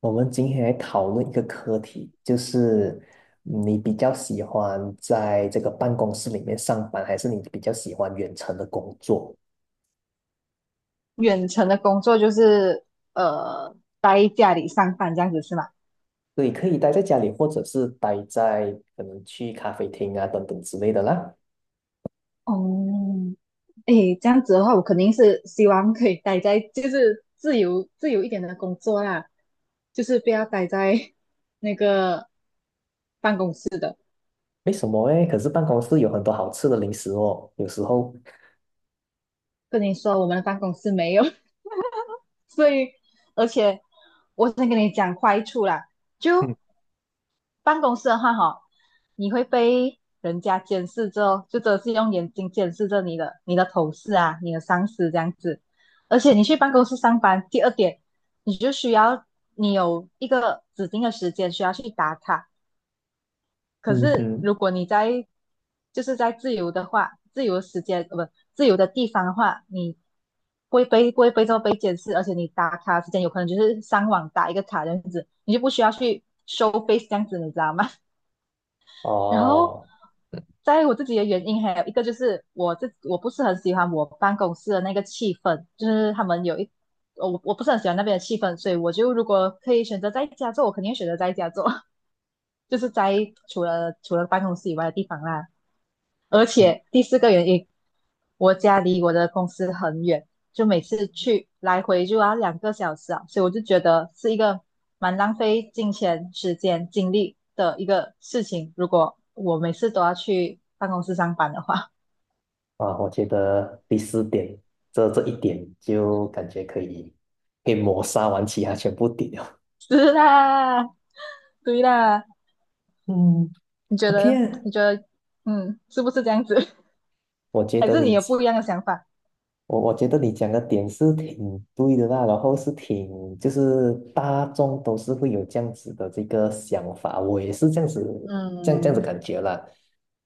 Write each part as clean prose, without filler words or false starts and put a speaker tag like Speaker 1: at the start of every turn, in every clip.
Speaker 1: 我们今天来讨论一个课题，就是你比较喜欢在这个办公室里面上班，还是你比较喜欢远程的工作？
Speaker 2: 远程的工作就是呃待家里上班这样子是吗？
Speaker 1: 对，可以待在家里，或者是待在可能去咖啡厅啊等等之类的啦。
Speaker 2: 哦，诶，这样子的话，我肯定是希望可以待在就是自由一点的工作啦，就是不要待在那个
Speaker 1: 为什么诶？可是办公室有很多好吃的零食哦，有时候，
Speaker 2: 跟你说我们的办公室没有，所以而且我先跟你讲坏处啦，就办公室的话哈，你会被人家监视着，后，就真的是用眼睛监视着你的同事啊，你的上司这样子。而且你去办公室上班，第2点，你就需要你有一个指定的时间需要去打卡。可
Speaker 1: 嗯
Speaker 2: 是
Speaker 1: 哼。
Speaker 2: 如果你在就是在自由的话，自由的时间不自由的地方的话，你不会被这么被监视，而且你打卡时间有可能就是上网打一个卡这样子，你就不需要去收 face 这样子，你知道吗？然后
Speaker 1: 哦。
Speaker 2: 在我自己的原因，还有一个就是我不是很喜欢我办公室的那个气氛，就是他们有一我不是很喜欢那边的气氛，所以我就如果可以选择在家做，我肯定选择在家做，就是在除了办公室以外的地方啦。而
Speaker 1: 嗯
Speaker 2: 且第4个原因，我家离我的公司很远，就每次去来回就要两个小时啊，所以我就觉得是一个蛮浪费金钱、时间、精力的一个事情。如果我每次都要去办公室上班的话，
Speaker 1: 啊，我觉得第四点，这一点就感觉可以抹杀完其他全部点了。
Speaker 2: 是啦，对啦，
Speaker 1: 嗯
Speaker 2: 你觉
Speaker 1: ，OK
Speaker 2: 得？
Speaker 1: 啊，
Speaker 2: 你觉得，嗯，是不是这样子？
Speaker 1: 我 觉
Speaker 2: 还
Speaker 1: 得
Speaker 2: 是你
Speaker 1: 你，
Speaker 2: 有不一样的想法？
Speaker 1: 我觉得你讲的点是挺对的啦，然后是挺就是大众都是会有这样子的这个想法，我也是这样子，这样子
Speaker 2: 嗯
Speaker 1: 感觉啦。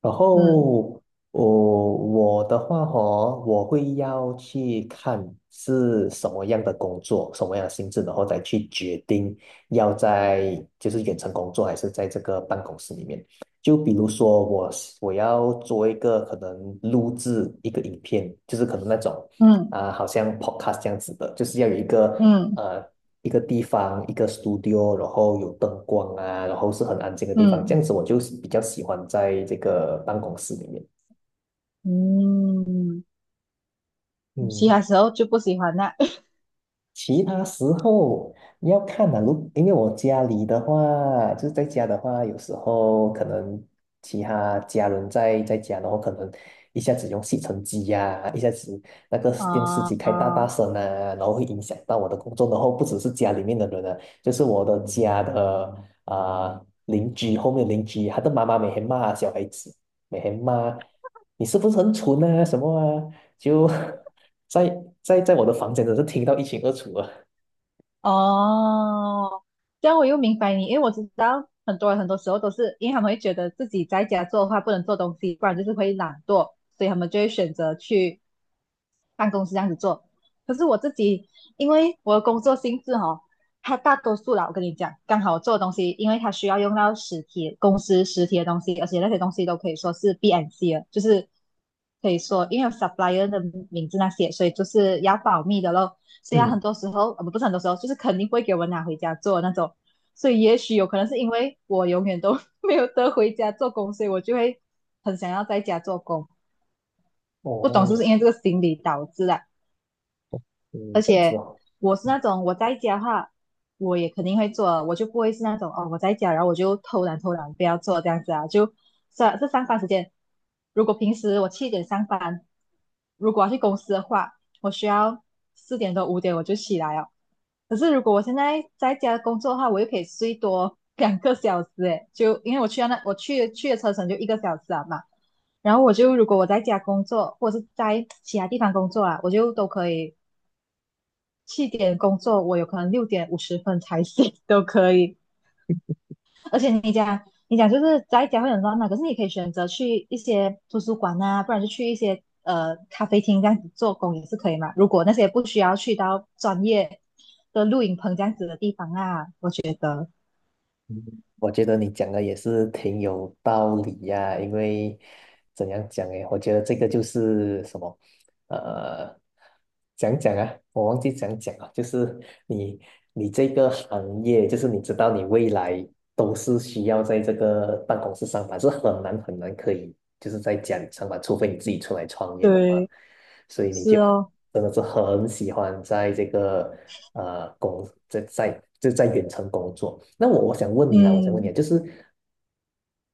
Speaker 1: 然
Speaker 2: 嗯
Speaker 1: 后我的话哦，我会要去看是什么样的工作，什么样的性质，然后再去决定要在就是远程工作还是在这个办公室里面。就比如说我要做一个可能录制一个影片，就是可能那种
Speaker 2: 嗯
Speaker 1: 啊、好像 podcast 这样子的，就是要有一个。
Speaker 2: 嗯
Speaker 1: 一个地方，一个 studio,然后有灯光啊，然后是很安静的地方，这
Speaker 2: 嗯
Speaker 1: 样子我就比较喜欢在这个办公室里面。
Speaker 2: 嗯，其
Speaker 1: 嗯，
Speaker 2: 他时候就不喜欢那
Speaker 1: 其他时候要看啊，如因为我家里的话，就是在家的话，有时候可能其他家人在家，然后可能一下子用吸尘机呀、一下子那个电视机
Speaker 2: 啊
Speaker 1: 开大大
Speaker 2: 啊
Speaker 1: 声啊，然后会影响到我的工作。然后不只是家里面的人啊，就是我的家的啊、邻居后面的邻居，他的妈妈每天骂小孩子，每天骂你是不是很蠢啊什么啊，就 在我的房间，真是听到一清二楚啊。
Speaker 2: 哦，这样我又明白你，因为我知道很多人很多时候都是因为他们会觉得自己在家做的话不能做东西，不然就是会懒惰，所以他们就会选择去办公室这样子做。可是我自己，因为我的工作性质哦，它大多数啦，我跟你讲，刚好我做的东西，因为它需要用到实体公司实体的东西，而且那些东西都可以说是 B a n C 的，就是可以说因为有 supplier 的名字那些，所以就是要保密的咯。所以它
Speaker 1: 嗯。
Speaker 2: 很多时候，不是很多时候，就是肯定不会给我拿回家做那种。所以也许有可能是因为我永远都 没有得回家做工，所以我就会很想要在家做工。不懂是不
Speaker 1: 哦。
Speaker 2: 是因为这个心理导致的？
Speaker 1: 嗯。
Speaker 2: 而
Speaker 1: 这样子
Speaker 2: 且
Speaker 1: 哦。
Speaker 2: 我是那种我在家的话，我也肯定会做的，我就不会是那种哦我在家，然后我就偷懒不要做这样子啊。就是啊这上班时间，如果平时我七点上班，如果要去公司的话，我需要4点多5点我就起来哦。可是如果我现在在家工作的话，我又可以睡多 两个小时诶，就因为我去的车程就1个小时啊嘛。然后我就如果我在家工作，或者是在其他地方工作啊，我就都可以七点工作，我有可能6点50分才 醒都可以。而且你讲就是在家会很乱嘛，可是你可以选择去一些图书馆啊，不然就去一些咖啡厅这样子做工也是可以嘛。如果那些不需要去到专业的录影棚这样子的地方啊，我觉得
Speaker 1: 嗯，我觉得你讲的也是挺有道理呀、因为怎样讲诶，我觉得这个就是什么，呃，讲讲啊，我忘记讲了，就是你你这个行业，就是你知道你未来都是需要在这个办公室上班，是很难可以就是在家里上班，除非你自己出来创业的话，
Speaker 2: 对，
Speaker 1: 所以你
Speaker 2: 是
Speaker 1: 就
Speaker 2: 哦，
Speaker 1: 真的是很喜欢在这个。呃工在在就在远程工作。那我想问你啦，我想问你
Speaker 2: 嗯，
Speaker 1: 啊，就是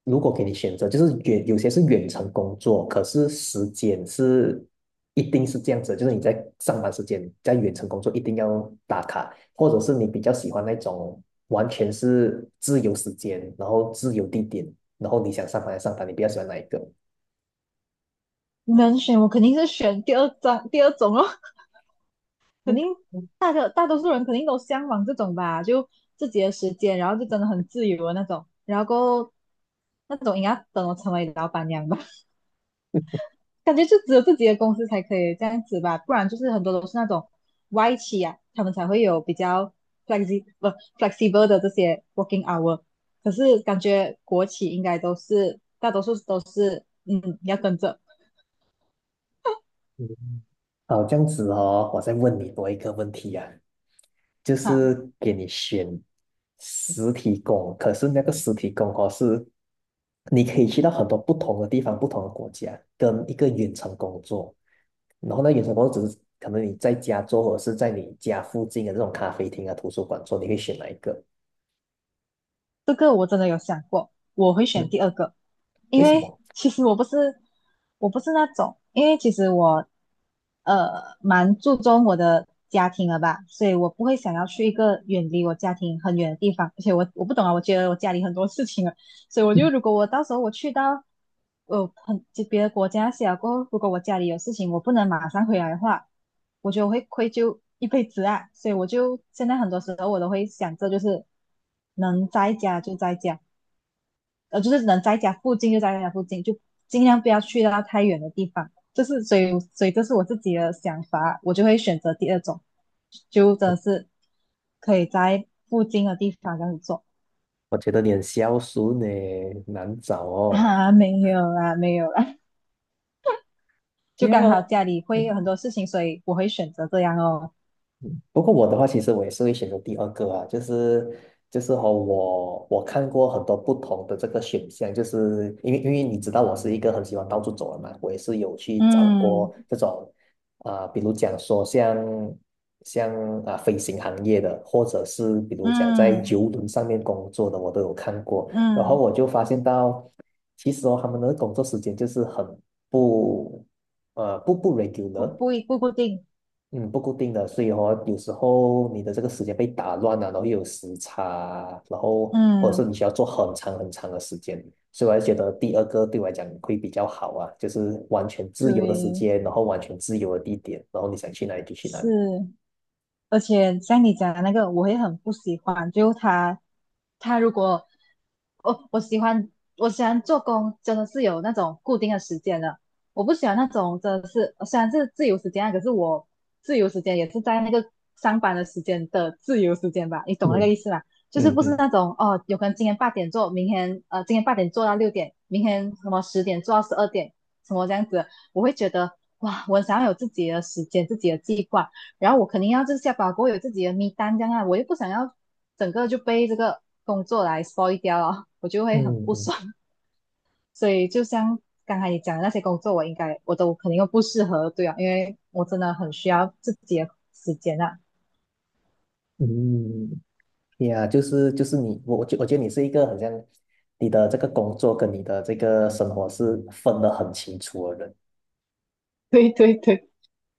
Speaker 1: 如果给你选择，就是远有些是远程工作，可是时间是一定是这样子，就是你在上班时间在远程工作一定要打卡，或者是你比较喜欢那种完全是自由时间，然后自由地点，然后你想上班就上班，你比较喜欢哪一个？
Speaker 2: 能选我肯定是选第二种哦。肯定大多数人肯定都向往这种吧，就自己的时间，然后就真的很自由的那种，然后够那种应该等我成为老板娘吧，感觉就只有自己的公司才可以这样子吧，不然就是很多都是那种外企啊，他们才会有比较 flexi b l 不 flexible 的这些 working hour,可是感觉国企应该都是大多数都是嗯要跟着。
Speaker 1: 好，这样子哦，我再问你多一个问题啊，就
Speaker 2: 哈。
Speaker 1: 是给你选实体工，可是那个实体工哦是，你可以去到很多不同的地方、不同的国家，跟一个远程工作，然后呢，远程工作只是可能你在家做，或者是在你家附近的这种咖啡厅啊、图书馆做，你会选哪一个？
Speaker 2: 这个我真的有想过，我会选
Speaker 1: 嗯。
Speaker 2: 第2个，
Speaker 1: 为
Speaker 2: 因
Speaker 1: 什
Speaker 2: 为
Speaker 1: 么？
Speaker 2: 其实我不是我不是那种，因为其实我呃蛮注重我的家庭了吧，所以我不会想要去一个远离我家庭很远的地方，而且我不懂啊，我觉得我家里很多事情啊，所以我就如果我到时候我去到呃很别的国家写了过后，如果我家里有事情我不能马上回来的话，我觉得我会愧疚一辈子啊，所以我就现在很多时候我都会想着，就是能在家就在家，就是能在家附近就在家附近，就尽量不要去到太远的地方。这是所以，所以这是我自己的想法，我就会选择第二种，就真的是可以在附近的地方这样子做
Speaker 1: 我觉得你很孝顺呢，难找哦。
Speaker 2: 啊，没有啦，没有啦，就
Speaker 1: 没
Speaker 2: 刚好家里会有很多事情，所以我会选择这样哦。
Speaker 1: 嗯不过我的话，其实我也是会选择第二个啊，就是就是和我我看过很多不同的这个选项，就是因为你知道我是一个很喜欢到处走的嘛，我也是有去找
Speaker 2: 嗯
Speaker 1: 过这种啊、比如讲说像啊、飞行行业的，或者是比如讲在
Speaker 2: 嗯
Speaker 1: 游轮上面工作的，我都有看过，然后
Speaker 2: 嗯，
Speaker 1: 我就发现到，其实哦，他们的工作时间就是很不不
Speaker 2: 不
Speaker 1: regular。
Speaker 2: 不一不固定。
Speaker 1: 嗯，不固定的，所以哦，有时候你的这个时间被打乱了，然后又有时差，然后或者
Speaker 2: 嗯，
Speaker 1: 是你需要做很长的时间，所以我还觉得第二个对我来讲会比较好啊，就是完全自由的时
Speaker 2: 对，
Speaker 1: 间，然后完全自由的地点，然后你想去哪里就去哪
Speaker 2: 是，
Speaker 1: 里。
Speaker 2: 而且像你讲的那个，我也很不喜欢，就他他如果我喜欢做工，真的是有那种固定的时间的。我不喜欢那种真的是虽然是自由时间啊，可是自由时间也是在那个上班的时间的自由时间吧，你懂那个
Speaker 1: 嗯
Speaker 2: 意思吗？就是
Speaker 1: 嗯
Speaker 2: 不是
Speaker 1: 嗯
Speaker 2: 那种哦，有可能今天八点做，今天8点做到6点，明天什么10点做到12点，什么这样子，我会觉得哇，我想要有自己的时间，自己的计划。然后我肯定要就是下班过后有自己的 m 单这样啊，我又不想要整个就被这个工作来 spoil 掉了，我就会很
Speaker 1: 嗯
Speaker 2: 不
Speaker 1: 嗯
Speaker 2: 爽。所以就像刚才你讲的那些工作，我应该我都肯定不适合，对啊，因为我真的很需要自己的时间啊。
Speaker 1: 嗯，呀，就是就是你，我觉得你是一个很像你的这个工作跟你的这个生活是分得很清楚的人。
Speaker 2: 对对对，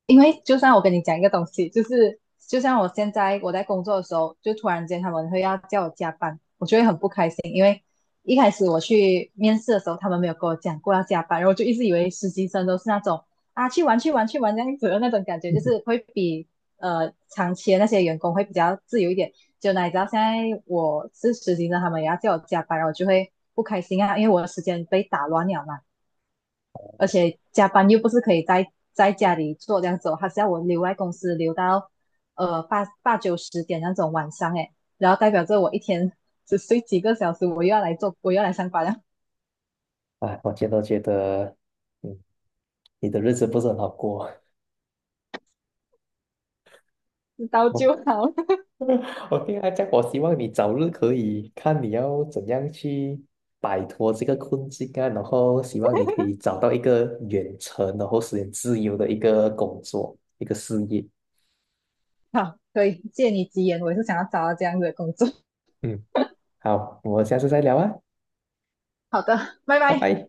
Speaker 2: 因为就算我跟你讲一个东西，就像我现在我在工作的时候，就突然间他们会要叫我加班，我就会很不开心，因为一开始我去面试的时候，他们没有跟我讲过要加班，然后我就一直以为实习生都是那种啊去玩去玩去玩这样子的那种感觉，就是 会比长期的那些员工会比较自由一点。就哪里知道现在我是实习生，他们也要叫我加班，然后我就会不开心啊，因为我的时间被打乱了嘛。而且加班又不是可以在家里做这样子哦，还是要我留在公司留到8、9、10点那种晚上诶，然后代表着我一天只睡几个小时，我又要来做，我又要来上班了，
Speaker 1: 啊，我觉得，嗯，你的日子不是很好过。
Speaker 2: 知道就
Speaker 1: 我
Speaker 2: 好。
Speaker 1: 我这讲，我希望你早日可以看你要怎样去摆脱这个困境啊，然后希望你可以找到一个远程，然后实现自由的一个工作，一个事业。
Speaker 2: 好，所以借你吉言，我也是想要找到这样子的工作。
Speaker 1: 嗯，好，我们下次再聊啊，
Speaker 2: 好的，拜
Speaker 1: 拜
Speaker 2: 拜。
Speaker 1: 拜。